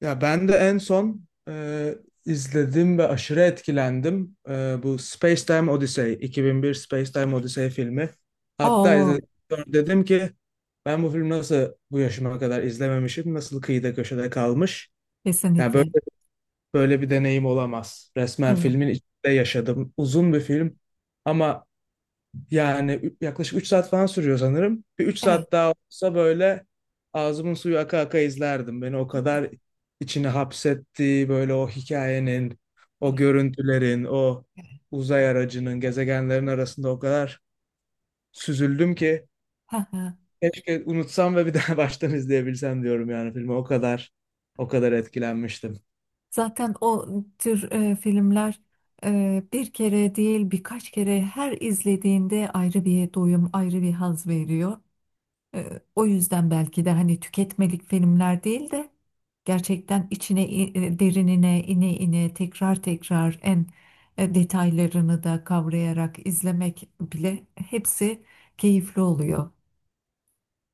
Ya ben de en son izledim ve aşırı etkilendim. Bu Space Time Odyssey, 2001 Space Time Odyssey filmi. Hatta Oo, izledikten sonra dedim ki ben bu film nasıl bu yaşıma kadar izlememişim, nasıl kıyıda köşede kalmış. Yani böyle kesinlikle. böyle bir deneyim olamaz. Resmen Evet, filmin içinde yaşadım. Uzun bir film ama yani yaklaşık 3 saat falan sürüyor sanırım. Bir üç evet, saat daha olsa böyle ağzımın suyu aka aka izlerdim. Beni o değil mi? kadar içine hapsetti böyle o hikayenin, o Evet, görüntülerin, o evet. uzay aracının, gezegenlerin arasında o kadar süzüldüm ki Ha, ha. keşke unutsam ve bir daha baştan izleyebilsem diyorum yani filmi. O kadar etkilenmiştim. Zaten o tür filmler bir kere değil birkaç kere her izlediğinde ayrı bir doyum, ayrı bir haz veriyor. O yüzden belki de hani tüketmelik filmler değil de gerçekten içine derinine ine ine tekrar tekrar en detaylarını da kavrayarak izlemek bile hepsi keyifli oluyor.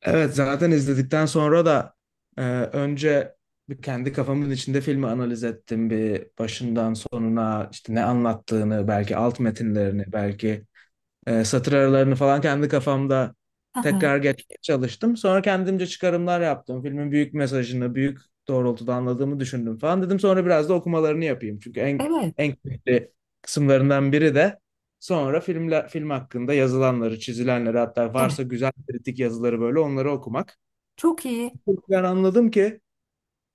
Evet, zaten izledikten sonra da önce bir kendi kafamın içinde filmi analiz ettim, bir başından sonuna işte ne anlattığını, belki alt metinlerini, belki satır aralarını falan kendi kafamda Aha, tekrar geçmeye çalıştım. Sonra kendimce çıkarımlar yaptım. Filmin büyük mesajını, büyük doğrultuda anladığımı düşündüm falan dedim. Sonra biraz da okumalarını yapayım. Çünkü en evet, en keyifli kısımlarından biri de sonra filmle, film hakkında yazılanları, çizilenleri, hatta evet. varsa güzel kritik yazıları, böyle onları okumak. Çok iyi. Ben anladım ki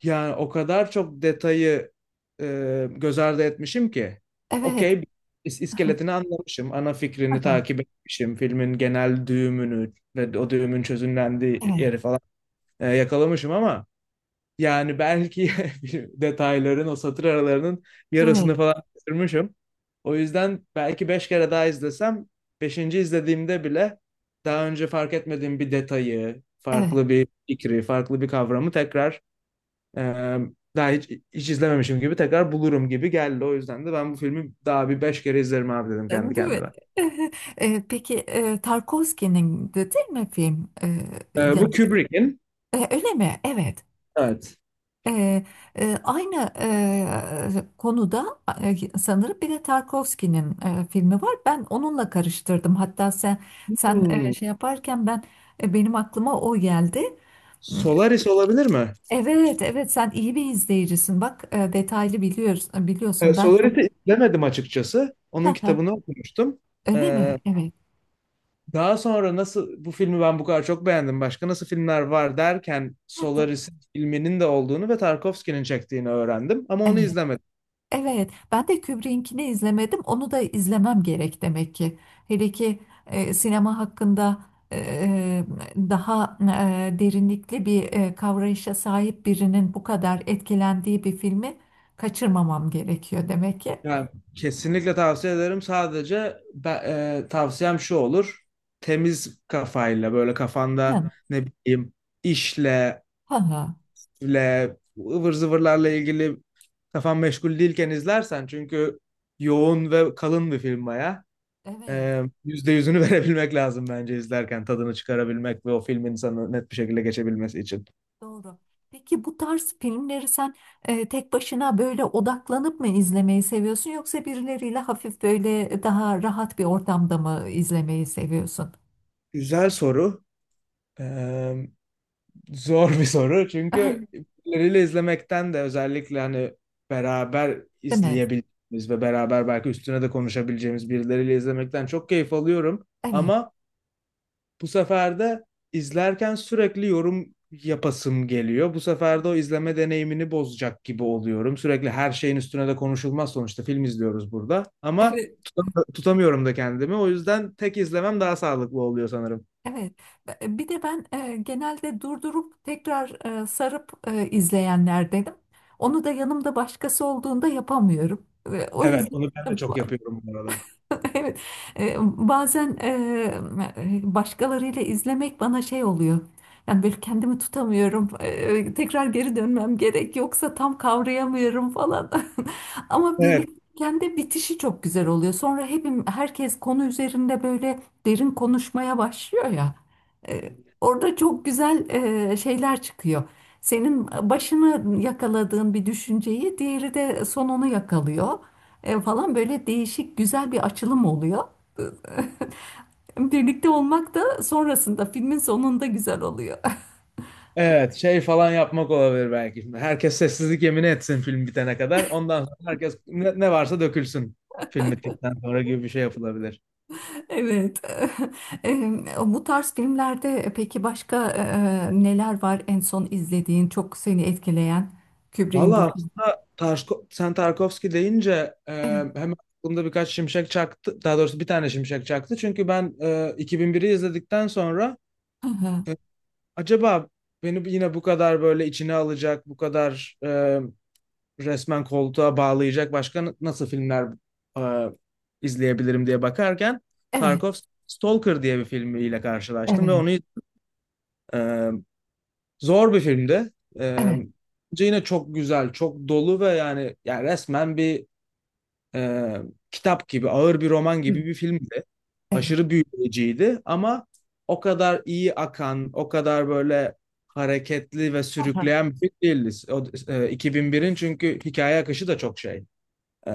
yani o kadar çok detayı göz ardı etmişim ki. Evet. Okey, iskeletini anlamışım, ana fikrini Aha, takip etmişim, filmin genel düğümünü ve o düğümün çözümlendiği evet. yeri falan yakalamışım ama yani belki detayların, o satır aralarının Değil yarısını mi? falan kaçırmışım. O yüzden belki 5 kere daha izlesem, beşinci izlediğimde bile daha önce fark etmediğim bir detayı, Evet. farklı bir fikri, farklı bir kavramı tekrar ee, daha hiç izlememişim gibi tekrar bulurum gibi geldi. O yüzden de ben bu filmi daha bir 5 kere izlerim abi dedim Değil kendi mi? kendime. Peki Tarkovski'nin de değil mi film? Bu yan- Kubrick'in. Öyle mi? Evet. Evet. E, Aynı konuda sanırım bir de Tarkovski'nin filmi var. Ben onunla karıştırdım. Hatta sen Hmm, şey yaparken benim aklıma o geldi. Solaris olabilir mi? Evet, evet, sen iyi bir izleyicisin. Bak, detaylı biliyoruz, biliyorsun. Ben çok Solaris'i izlemedim açıkçası. Onun kitabını okumuştum. öyle mi? Ee, Evet. Daha sonra nasıl bu filmi ben bu kadar çok beğendim. Başka nasıl filmler var derken Solaris'in filminin de olduğunu ve Tarkovski'nin çektiğini öğrendim. Ama onu Evet. izlemedim. Evet, ben de Kubrick'inkini izlemedim. Onu da izlemem gerek demek ki. Hele ki sinema hakkında e, e, daha derinlikli bir kavrayışa sahip birinin bu kadar etkilendiği bir filmi kaçırmamam gerekiyor demek ki. Yani kesinlikle tavsiye ederim. Sadece ben, tavsiyem şu olur. Temiz kafayla böyle kafanda Hı. ne bileyim işle, Ha, ha. ile, ıvır zıvırlarla ilgili kafan meşgul değilken izlersen, çünkü yoğun ve kalın bir film baya. Evet, %100'ünü verebilmek lazım bence, izlerken tadını çıkarabilmek ve o film insanı net bir şekilde geçebilmesi için. doğru. Peki bu tarz filmleri sen tek başına böyle odaklanıp mı izlemeyi seviyorsun yoksa birileriyle hafif böyle daha rahat bir ortamda mı izlemeyi seviyorsun? Güzel soru. Ee, Zor bir soru, çünkü birileriyle izlemekten de, özellikle hani beraber Değil mi? izleyebildiğimiz ve beraber belki üstüne de konuşabileceğimiz birileriyle izlemekten çok keyif alıyorum. Evet, Ama bu sefer de izlerken sürekli yorum yapasım geliyor. Bu sefer de o izleme deneyimini bozacak gibi oluyorum. Sürekli her şeyin üstüne de konuşulmaz, sonuçta film izliyoruz burada. Ama evet, tutamıyorum da kendimi. O yüzden tek izlemem daha sağlıklı oluyor sanırım. evet. Bir de ben genelde durdurup tekrar sarıp izleyenlerdenim. Onu da yanımda başkası olduğunda yapamıyorum. Ve o Evet, yüzden onu ben de çok yapıyorum bu arada. Evet, bazen başkalarıyla izlemek bana şey oluyor. Yani böyle kendimi tutamıyorum. Tekrar geri dönmem gerek yoksa tam kavrayamıyorum falan. Ama Evet. birlikteyken de bitişi çok güzel oluyor. Sonra herkes konu üzerinde böyle derin konuşmaya başlıyor ya. E, Orada çok güzel şeyler çıkıyor. Senin başını yakaladığın bir düşünceyi diğeri de sonunu yakalıyor falan, böyle değişik güzel bir açılım oluyor. Birlikte olmak da sonrasında filmin sonunda güzel oluyor. Evet, şey falan yapmak olabilir belki. Herkes sessizlik yemini etsin film bitene kadar. Ondan sonra herkes ne, ne varsa dökülsün film bittikten sonra gibi bir şey yapılabilir. Evet. Em, Bu tarz filmlerde peki başka neler var en son izlediğin, çok seni etkileyen Kubrick'in Valla bu film? aslında sen Tarkovski deyince e, Evet. hemen aklımda birkaç şimşek çaktı. Daha doğrusu bir tane şimşek çaktı. Çünkü ben 2001'i izledikten sonra Hı hı. e, acaba beni yine bu kadar böyle içine alacak, bu kadar resmen koltuğa bağlayacak başka nasıl filmler e, izleyebilirim diye bakarken Evet. Tarkov Stalker diye bir filmiyle karşılaştım ve Evet. onu e, zor bir filmdi. E, Evet. Yine çok güzel, çok dolu ve yani resmen bir e, kitap gibi, ağır bir roman Hı. gibi bir filmdi. Evet. Aşırı büyüleyiciydi ama o kadar iyi akan, o kadar böyle hareketli ve Hı hı. sürükleyen bir film değildi. O, 2001'in çünkü hikaye akışı da çok şey e,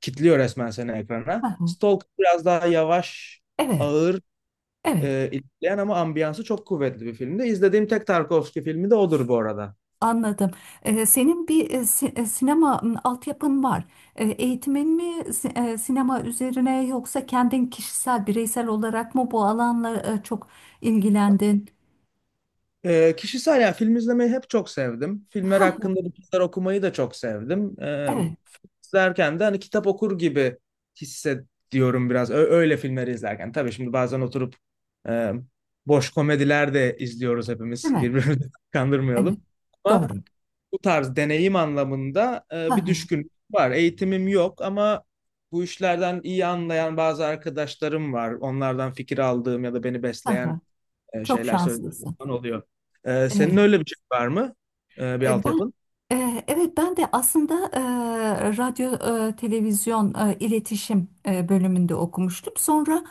kitliyor resmen seni Hı ekrana. hı. Stalker biraz daha yavaş, Evet. ağır Evet. İlerleyen ama ambiyansı çok kuvvetli bir filmdi. İzlediğim tek Tarkovski filmi de odur bu arada. Anladım. Senin bir sinema altyapın var. Eğitimin mi sinema üzerine yoksa kendin kişisel, bireysel olarak mı bu alanla çok ilgilendin? Kişisel, ya film izlemeyi hep çok sevdim. Filmler Ha, hakkında bu kadar okumayı da çok sevdim. Evet, Film izlerken de hani kitap okur gibi hissediyorum biraz. Öyle filmleri izlerken. Tabii şimdi bazen oturup e, boş komediler de izliyoruz hepimiz. değil mi? Birbirimizi Evet, kandırmayalım. Ama doğru. bu tarz deneyim anlamında Ha, bir ha, düşkünlük var. Eğitimim yok ama bu işlerden iyi anlayan bazı arkadaşlarım var. Onlardan fikir aldığım ya da beni ha, ha. besleyen Çok şeyler söylediğim şanslısın. falan oluyor. Senin Evet. öyle bir şey var mı? Bir E, Ben altyapın? Evet, ben de aslında radyo, televizyon, iletişim bölümünde okumuştum. Sonra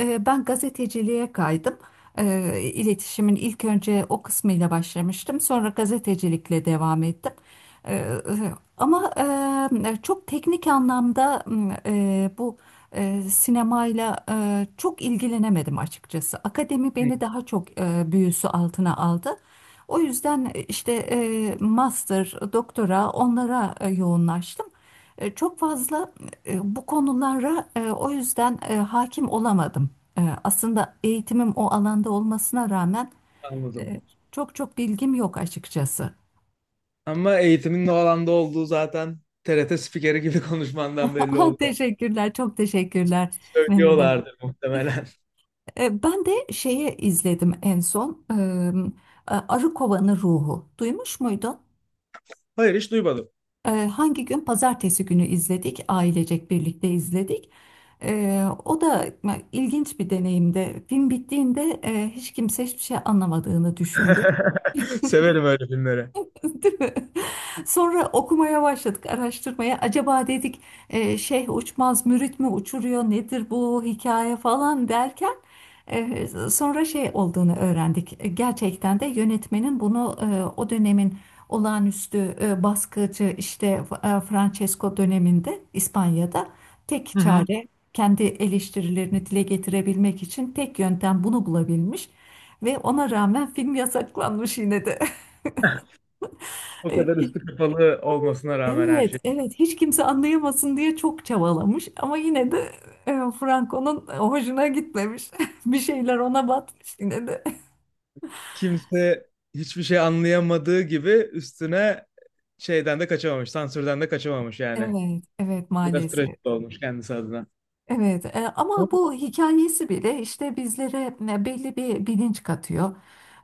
ben gazeteciliğe kaydım. İletişimin ilk önce o kısmıyla başlamıştım. Sonra gazetecilikle devam ettim. Eee, Ama çok teknik anlamda bu sinemayla çok ilgilenemedim açıkçası. Akademi Hı, beni daha çok büyüsü altına aldı. O yüzden işte master, doktora onlara yoğunlaştım. Çok fazla bu konulara o yüzden hakim olamadım. Aslında eğitimim o alanda olmasına rağmen e, anladım. çok çok bilgim yok açıkçası. Ama eğitimin ne alanda olduğu zaten TRT spikeri gibi konuşmandan belli oluyor. Teşekkürler, çok teşekkürler Mehmet Ali. Söylüyorlardır muhtemelen. Ben de şeye izledim en son. Arı Kovanı Ruhu. Duymuş muydun? Hayır, hiç duymadım. Hangi gün? Pazartesi günü izledik. Ailecek birlikte izledik. O da ilginç bir deneyimdi. Film bittiğinde hiç kimse hiçbir şey anlamadığını düşündü. Severim öyle filmleri. Değil mi? Sonra okumaya başladık, araştırmaya. Acaba dedik, şeyh uçmaz, mürit mi uçuruyor, nedir bu hikaye falan derken sonra şey olduğunu öğrendik. Gerçekten de yönetmenin bunu o dönemin olağanüstü baskıcı işte Francesco döneminde İspanya'da tek Hı hı. çare kendi eleştirilerini dile getirebilmek için tek yöntem bunu bulabilmiş ve ona rağmen film yasaklanmış yine de. O kadar üstü kapalı olmasına rağmen her Evet, şey. evet. Hiç kimse anlayamasın diye çok çabalamış ama yine de e, Franco'nun hoşuna gitmemiş. Bir şeyler ona batmış yine de. Kimse hiçbir şey anlayamadığı gibi üstüne şeyden de kaçamamış, sansürden de kaçamamış yani. Evet, evet, Biraz maalesef. trajik olmuş kendisi adına. Evet, ama bu hikayesi bile işte bizlere belli bir bilinç katıyor.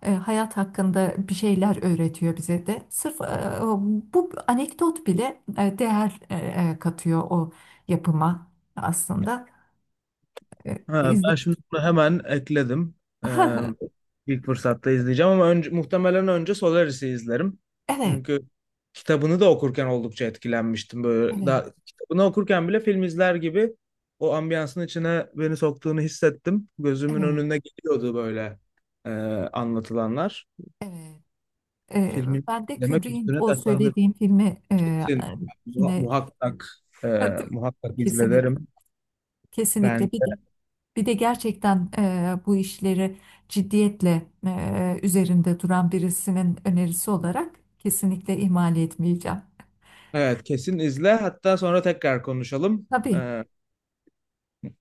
Hayat hakkında bir şeyler öğretiyor bize de. Sırf bu anekdot bile değer katıyor o yapıma aslında. E, Ha, ben izle- şimdi bunu hemen ekledim. Ee, ilk fırsatta izleyeceğim ama önce, muhtemelen önce Solaris'i izlerim. Evet, Çünkü kitabını da okurken oldukça etkilenmiştim. Böyle evet, daha, kitabını okurken bile film izler gibi o ambiyansın içine beni soktuğunu hissettim. Gözümün evet, önüne geliyordu böyle e, anlatılanlar. evet. Filmin Ben de demek Kubrick'in üstüne o tatlandırıp söylediğim filmi kesin yine muhakkak e, muhakkak kesinlikle izlerim ben. kesinlikle bir de gerçekten bu işleri ciddiyetle üzerinde duran birisinin önerisi olarak kesinlikle ihmal etmeyeceğim. Evet, kesin izle, hatta sonra tekrar konuşalım. Tabii,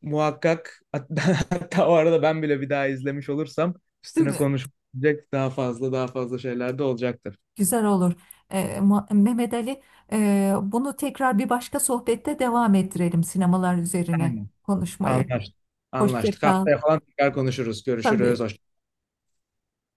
Muhakkak, hatta, hatta o arada ben bile bir daha izlemiş olursam değil üstüne mi? konuşacak daha fazla şeyler de olacaktır. Güzel olur. Mehmet Ali, bunu tekrar bir başka sohbette devam ettirelim sinemalar üzerine Aynen. konuşmayı. Anlaştık. Hoşça Anlaştık. kal. Haftaya falan tekrar konuşuruz. Tabii. Görüşürüz. Hoşça